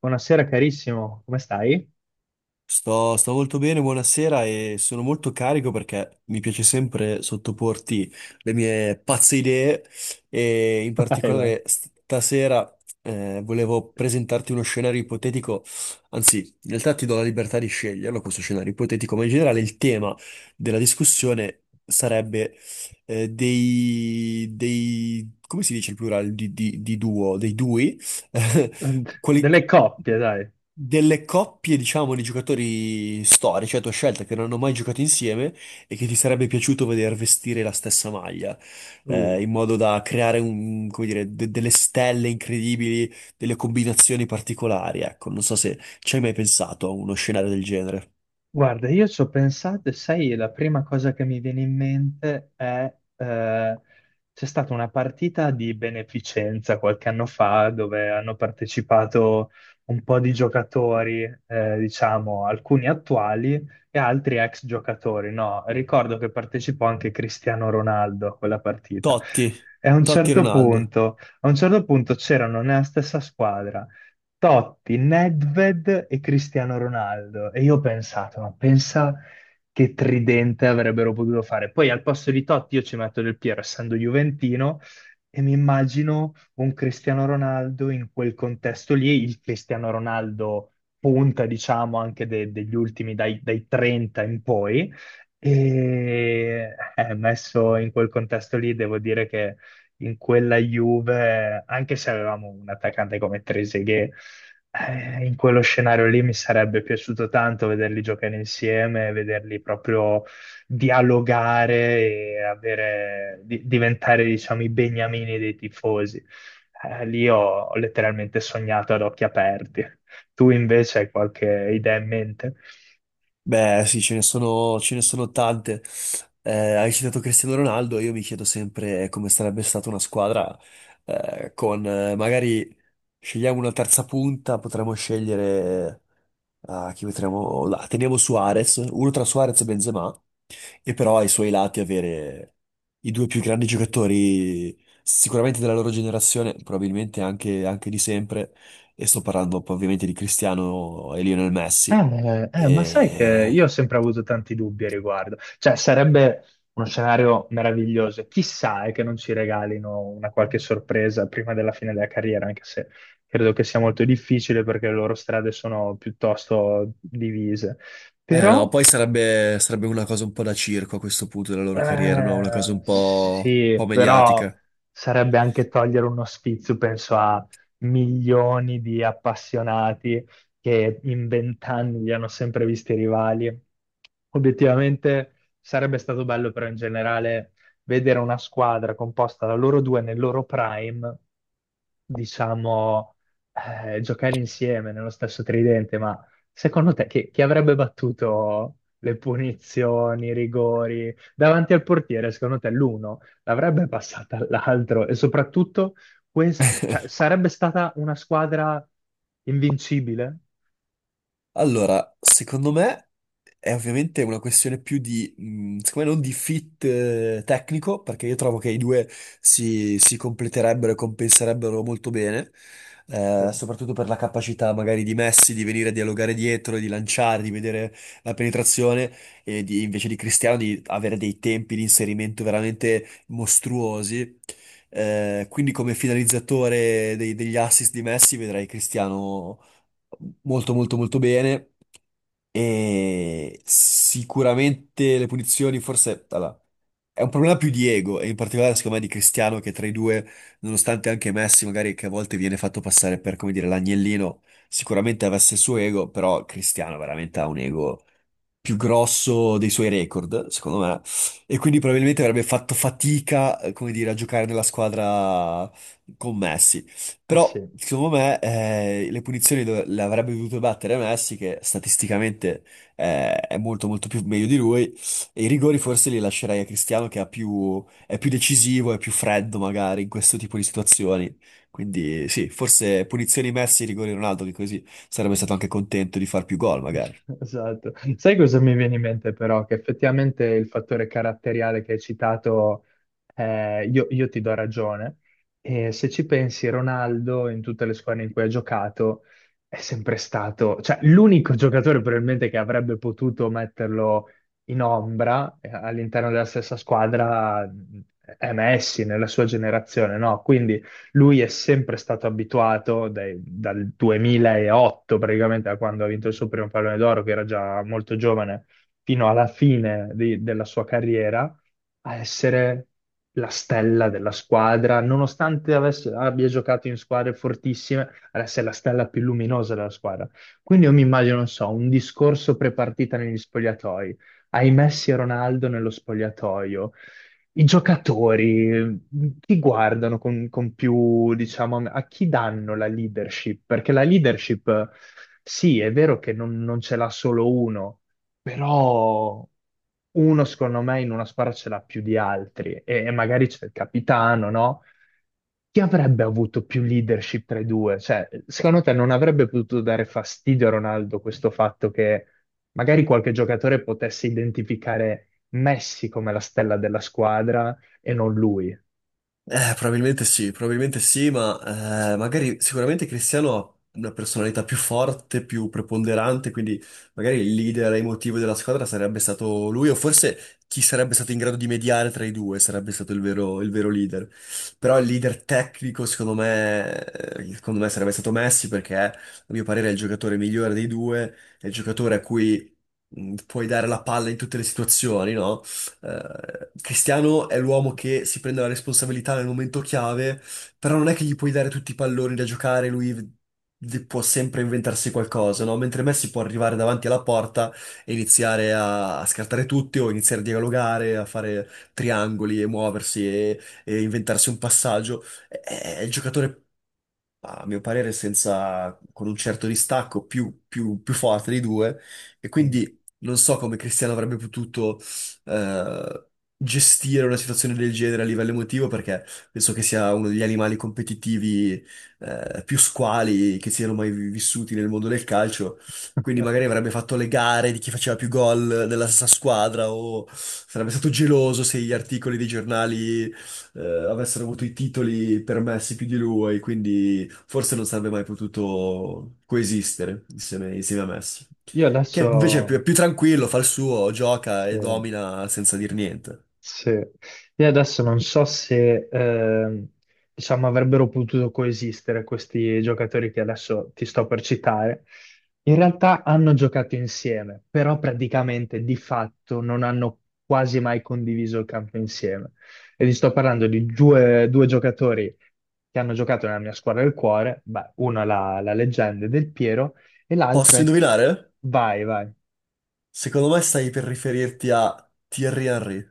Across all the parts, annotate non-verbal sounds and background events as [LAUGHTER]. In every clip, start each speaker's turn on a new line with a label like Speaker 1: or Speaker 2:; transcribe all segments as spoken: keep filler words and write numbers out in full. Speaker 1: Buonasera carissimo, come stai?
Speaker 2: Sto, sto molto bene, buonasera e sono molto carico perché mi piace sempre sottoporti le mie pazze idee e in
Speaker 1: [LAUGHS] Vai, vai.
Speaker 2: particolare stasera eh, volevo presentarti uno scenario ipotetico, anzi, in realtà ti do la libertà di sceglierlo questo scenario ipotetico, ma in generale il tema della discussione sarebbe eh, dei, dei, come si dice il plurale di, di- di duo, dei dui? [LAUGHS] quali-
Speaker 1: Delle coppie, dai.
Speaker 2: delle coppie, diciamo, di giocatori storici a tua scelta che non hanno mai giocato insieme e che ti sarebbe piaciuto vedere vestire la stessa maglia,
Speaker 1: Uh.
Speaker 2: eh, in modo da creare un- come dire, de- delle stelle incredibili, delle combinazioni particolari. Ecco, non so se ci hai mai pensato a uno scenario del genere.
Speaker 1: Guarda, io ci ho pensato e sai, la prima cosa che mi viene in mente è eh, c'è stata una partita di beneficenza qualche anno fa dove hanno partecipato un po' di giocatori, eh, diciamo, alcuni attuali e altri ex giocatori. No, ricordo che partecipò anche Cristiano Ronaldo a quella partita.
Speaker 2: Totti,
Speaker 1: E a un
Speaker 2: Totti
Speaker 1: certo
Speaker 2: Ronaldo.
Speaker 1: punto, a un certo punto c'erano nella stessa squadra. Totti, Nedved e Cristiano Ronaldo. E io ho pensato, ma pensa che tridente avrebbero potuto fare. Poi al posto di Totti io ci metto Del Piero, essendo juventino, e mi immagino un Cristiano Ronaldo in quel contesto lì, il Cristiano Ronaldo punta, diciamo, anche de- degli ultimi, dai, dai trenta in poi. E eh, messo in quel contesto lì, devo dire che in quella Juve, anche se avevamo un attaccante come Trezeguet, eh, in quello scenario lì mi sarebbe piaciuto tanto vederli giocare insieme, vederli proprio dialogare e avere- di- diventare, diciamo, i beniamini dei tifosi. Eh, lì ho ho letteralmente sognato ad occhi aperti. Tu invece hai qualche idea in mente?
Speaker 2: Beh, sì, ce ne sono, ce ne sono tante. Eh, hai citato Cristiano Ronaldo, io mi chiedo sempre come sarebbe stata una squadra eh, con eh, magari scegliamo una terza punta, potremmo scegliere ah, chi metteremo là. Teniamo Suarez, uno tra Suarez e Benzema, e però ai suoi lati avere i due più grandi giocatori sicuramente della loro generazione, probabilmente anche, anche di sempre, e sto parlando poi ovviamente di Cristiano e Lionel Messi.
Speaker 1: Eh, eh, ma sai che
Speaker 2: E
Speaker 1: io ho sempre avuto tanti dubbi a riguardo. Cioè, sarebbe uno scenario meraviglioso. Chissà è che non ci regalino una qualche sorpresa prima della fine della carriera, anche se credo che sia molto difficile perché le loro strade sono piuttosto divise.
Speaker 2: Eh no,
Speaker 1: Però
Speaker 2: poi sarebbe, sarebbe una cosa un po' da circo a questo punto della loro carriera, no? Una cosa
Speaker 1: eh,
Speaker 2: un po', un
Speaker 1: sì,
Speaker 2: po'
Speaker 1: però
Speaker 2: mediatica.
Speaker 1: sarebbe anche togliere uno spizio, penso a milioni di appassionati che in vent'anni li hanno sempre visti rivali. Obiettivamente sarebbe stato bello, però in generale vedere una squadra composta da loro due nel loro prime, diciamo, eh, giocare insieme nello stesso tridente, ma secondo te chi chi avrebbe battuto le punizioni, i rigori? Davanti al portiere, secondo te l'uno l'avrebbe passata all'altro e soprattutto quest- cioè, sarebbe stata una squadra invincibile?
Speaker 2: Allora, secondo me è ovviamente una questione più di, mh, secondo me non di fit eh, tecnico, perché io trovo che i due si, si completerebbero e compenserebbero molto bene,
Speaker 1: Eh,
Speaker 2: eh, soprattutto per la capacità magari di Messi di venire a dialogare dietro, di lanciare, di vedere la penetrazione, e di- invece di Cristiano di avere dei tempi di inserimento veramente mostruosi. Eh, quindi come finalizzatore dei- degli assist di Messi vedrai Cristiano molto molto molto bene e sicuramente le punizioni forse allora, è un problema più di ego e in particolare secondo me di Cristiano che tra i due, nonostante anche Messi magari che a volte viene fatto passare per come dire l'agnellino, sicuramente avesse il suo ego, però Cristiano veramente ha un ego più grosso dei suoi record, secondo me, e quindi probabilmente avrebbe fatto fatica, eh, come dire, a giocare nella squadra con Messi.
Speaker 1: Ah sì,
Speaker 2: Però, secondo me, eh, le punizioni dove- le avrebbe dovute battere Messi, che statisticamente eh, è molto molto più meglio di lui, e i rigori forse li lascerei a Cristiano, che ha più- è più decisivo, è più freddo magari in questo tipo di situazioni. Quindi sì, forse punizioni Messi, rigori Ronaldo, che così sarebbe stato anche contento di far più gol
Speaker 1: [LAUGHS]
Speaker 2: magari.
Speaker 1: esatto. Sai cosa mi viene in mente però? Che effettivamente il fattore caratteriale che hai citato, eh, io, io ti do ragione. E se ci pensi, Ronaldo in tutte le squadre in cui ha giocato è sempre stato, cioè l'unico giocatore probabilmente che avrebbe potuto metterlo in ombra eh, all'interno della stessa squadra mh, è Messi nella sua generazione, no? Quindi lui è sempre stato abituato dai- dal duemilaotto, praticamente da quando ha vinto il suo primo pallone d'oro, che era già molto giovane, fino alla fine di- della sua carriera, a essere la stella della squadra, nonostante avesse- abbia giocato in squadre fortissime, adesso è la stella più luminosa della squadra. Quindi io mi immagino, non so, un discorso prepartita negli spogliatoi, ai Messi e Ronaldo nello spogliatoio i giocatori, chi guardano con, con più, diciamo, a chi danno la leadership? Perché la leadership, sì, è vero che non, non ce l'ha solo uno, però uno, secondo me, in una squadra ce l'ha più di altri e, e magari c'è il capitano, no? Chi avrebbe avuto più leadership tra i due? Cioè, secondo te non avrebbe potuto dare fastidio a Ronaldo questo fatto che magari qualche giocatore potesse identificare Messi come la stella della squadra e non lui.
Speaker 2: Eh, probabilmente sì, probabilmente sì, ma eh, magari sicuramente Cristiano ha una personalità più forte, più preponderante, quindi magari il leader emotivo della squadra sarebbe stato lui, o forse chi sarebbe stato in grado di mediare tra i due sarebbe stato il vero, il vero leader. Però il leader tecnico, secondo me, eh, secondo me sarebbe stato Messi, perché a mio parere è il giocatore migliore dei due, è il giocatore a cui mh, puoi dare la palla in tutte le situazioni, no? eh, Cristiano è l'uomo che si prende la responsabilità nel momento chiave, però non è che gli puoi dare tutti i palloni da giocare, lui v- può sempre inventarsi qualcosa, no? Mentre Messi può arrivare davanti alla porta e iniziare a, a scartare tutti o iniziare a dialogare, a fare triangoli e muoversi e, e inventarsi un passaggio. È, è il giocatore a mio parere, senza, con un certo distacco più, più- più forte dei due, e
Speaker 1: Mm.
Speaker 2: quindi non so come Cristiano avrebbe potuto eh, gestire una situazione del genere a livello emotivo, perché penso che sia uno degli animali competitivi eh, più squali che siano mai vi- vissuti nel mondo del calcio, quindi
Speaker 1: [LAUGHS]
Speaker 2: magari avrebbe fatto le gare di chi faceva più gol della stessa squadra o sarebbe stato geloso se gli articoli dei giornali eh, avessero avuto i titoli permessi più di lui, quindi forse non sarebbe mai potuto coesistere insieme, insieme a Messi.
Speaker 1: Io
Speaker 2: Che
Speaker 1: adesso,
Speaker 2: invece è più, è più tranquillo, fa il suo, gioca e
Speaker 1: sì.
Speaker 2: domina senza dir niente.
Speaker 1: Sì. Io adesso non so se ehm, diciamo avrebbero potuto coesistere questi giocatori che adesso ti sto per citare. In realtà hanno giocato insieme, però praticamente di fatto non hanno quasi mai condiviso il campo insieme. E ti sto parlando di due, due giocatori che hanno giocato nella mia squadra del cuore, beh, uno è la, la leggenda del Piero e l'altro
Speaker 2: Posso
Speaker 1: è...
Speaker 2: indovinare?
Speaker 1: Vai, vai.
Speaker 2: Secondo me stai per riferirti a Thierry Henry.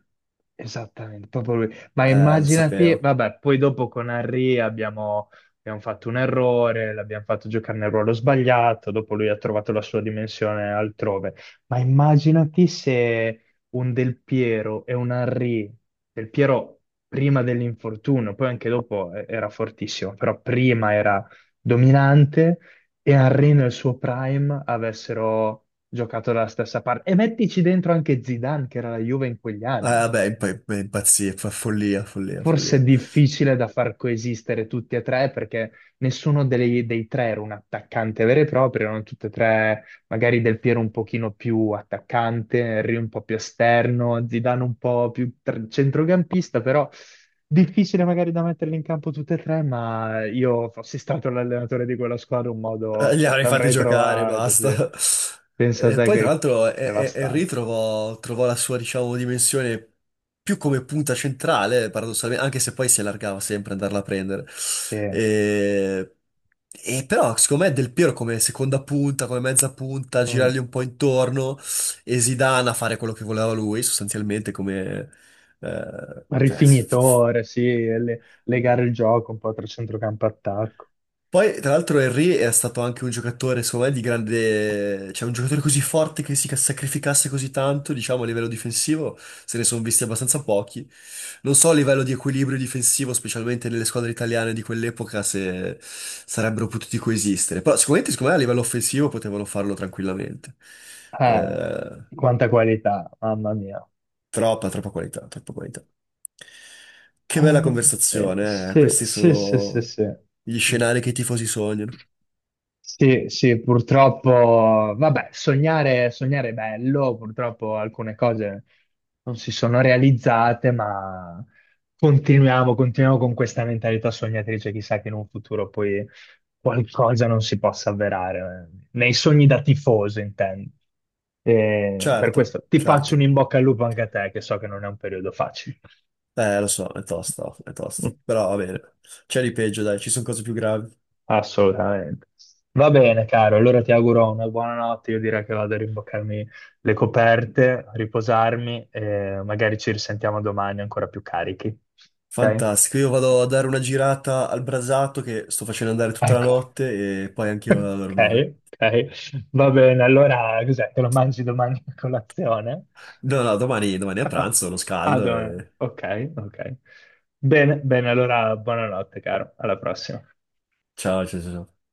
Speaker 1: Esattamente, proprio lui. Ma
Speaker 2: Eh, lo
Speaker 1: immaginati,
Speaker 2: sapevo.
Speaker 1: vabbè, poi dopo con Henry abbiamo, abbiamo fatto un errore, l'abbiamo fatto giocare nel ruolo sbagliato, dopo lui ha trovato la sua dimensione altrove. Ma immaginati se un Del Piero e un Henry, Del Piero prima dell'infortunio, poi anche dopo eh, era fortissimo, però prima era dominante e Henry nel suo prime avessero giocato dalla stessa parte. E mettici dentro anche Zidane, che era la Juve in quegli
Speaker 2: Eh,
Speaker 1: anni.
Speaker 2: vabbè, imp- imp- impazzì, fa follia, follia,
Speaker 1: Forse è
Speaker 2: follia.
Speaker 1: difficile da far coesistere tutti e tre perché nessuno dei, dei tre era un attaccante vero e proprio, erano tutti e tre, magari Del Piero un pochino più attaccante, Henry un po' più esterno, Zidane un po' più tr- centrocampista, però difficile magari da metterli in campo tutti e tre, ma io fossi stato l'allenatore di quella squadra un
Speaker 2: Eh,
Speaker 1: modo
Speaker 2: Li avrei fatti
Speaker 1: l'avrei
Speaker 2: giocare,
Speaker 1: trovato, sì.
Speaker 2: basta. [LAUGHS]
Speaker 1: Pensa a
Speaker 2: E
Speaker 1: te
Speaker 2: poi, tra
Speaker 1: che
Speaker 2: l'altro, E- E- Henry
Speaker 1: devastante.
Speaker 2: trovò, trovò la sua, diciamo, dimensione più come punta centrale, paradossalmente, anche se poi si allargava sempre ad andarla a prendere.
Speaker 1: Sì.
Speaker 2: E, e però, secondo me, Del Piero come seconda punta, come mezza punta,
Speaker 1: Mm.
Speaker 2: girargli un po' intorno e Zidane a fare quello che voleva lui, sostanzialmente, come... eh, cioè,
Speaker 1: Rifinitore, sì, e le- legare il gioco un po' tra centrocampo e attacco.
Speaker 2: Poi, tra l'altro, Henry è stato anche un giocatore, secondo me, di grande... Cioè, un giocatore così forte che si ca- sacrificasse così tanto, diciamo, a livello difensivo, se ne sono visti abbastanza pochi. Non so a livello di equilibrio difensivo, specialmente nelle squadre italiane di quell'epoca, se sarebbero potuti coesistere. Però sicuramente, secondo me, a livello offensivo potevano farlo tranquillamente.
Speaker 1: Ah,
Speaker 2: Eh,
Speaker 1: quanta qualità, mamma mia.
Speaker 2: troppa, troppa qualità, troppa qualità. Che bella
Speaker 1: Eh, eh,
Speaker 2: conversazione, eh.
Speaker 1: sì,
Speaker 2: Questi
Speaker 1: sì, sì, sì,
Speaker 2: sono
Speaker 1: sì.
Speaker 2: gli scenari che i tifosi sognano.
Speaker 1: Sì, sì, purtroppo, vabbè, sognare, sognare è bello, purtroppo alcune cose non si sono realizzate, ma continuiamo, continuiamo con questa mentalità sognatrice, chissà che in un futuro poi qualcosa non si possa avverare, eh. Nei sogni da tifoso intendo. E per
Speaker 2: Certo,
Speaker 1: questo ti faccio un
Speaker 2: certo.
Speaker 1: in bocca al lupo anche a te, che so che non è un periodo facile.
Speaker 2: Eh, lo so, è tosta, è tosta. Però va
Speaker 1: [LAUGHS]
Speaker 2: bene. C'è di peggio, dai, ci sono cose più gravi.
Speaker 1: Assolutamente. Va bene, caro. Allora ti auguro una buona notte. Io direi che vado a rimboccarmi le coperte, riposarmi e magari ci risentiamo domani ancora più carichi. Ok?
Speaker 2: Fantastico, io vado a dare una girata al brasato che sto facendo andare tutta la
Speaker 1: Ecco.
Speaker 2: notte e
Speaker 1: [LAUGHS]
Speaker 2: poi anch'io vado a
Speaker 1: Ok,
Speaker 2: dormire.
Speaker 1: ok. Va bene. Allora, cos'è? Te lo mangi domani a colazione?
Speaker 2: No, no, domani, domani a
Speaker 1: [LAUGHS]
Speaker 2: pranzo, lo
Speaker 1: Ah,
Speaker 2: scaldo
Speaker 1: domani.
Speaker 2: e...
Speaker 1: Ok, ok. Bene, bene. Allora, buonanotte, caro. Alla prossima.
Speaker 2: Ciao, ciao, ciao, ciao.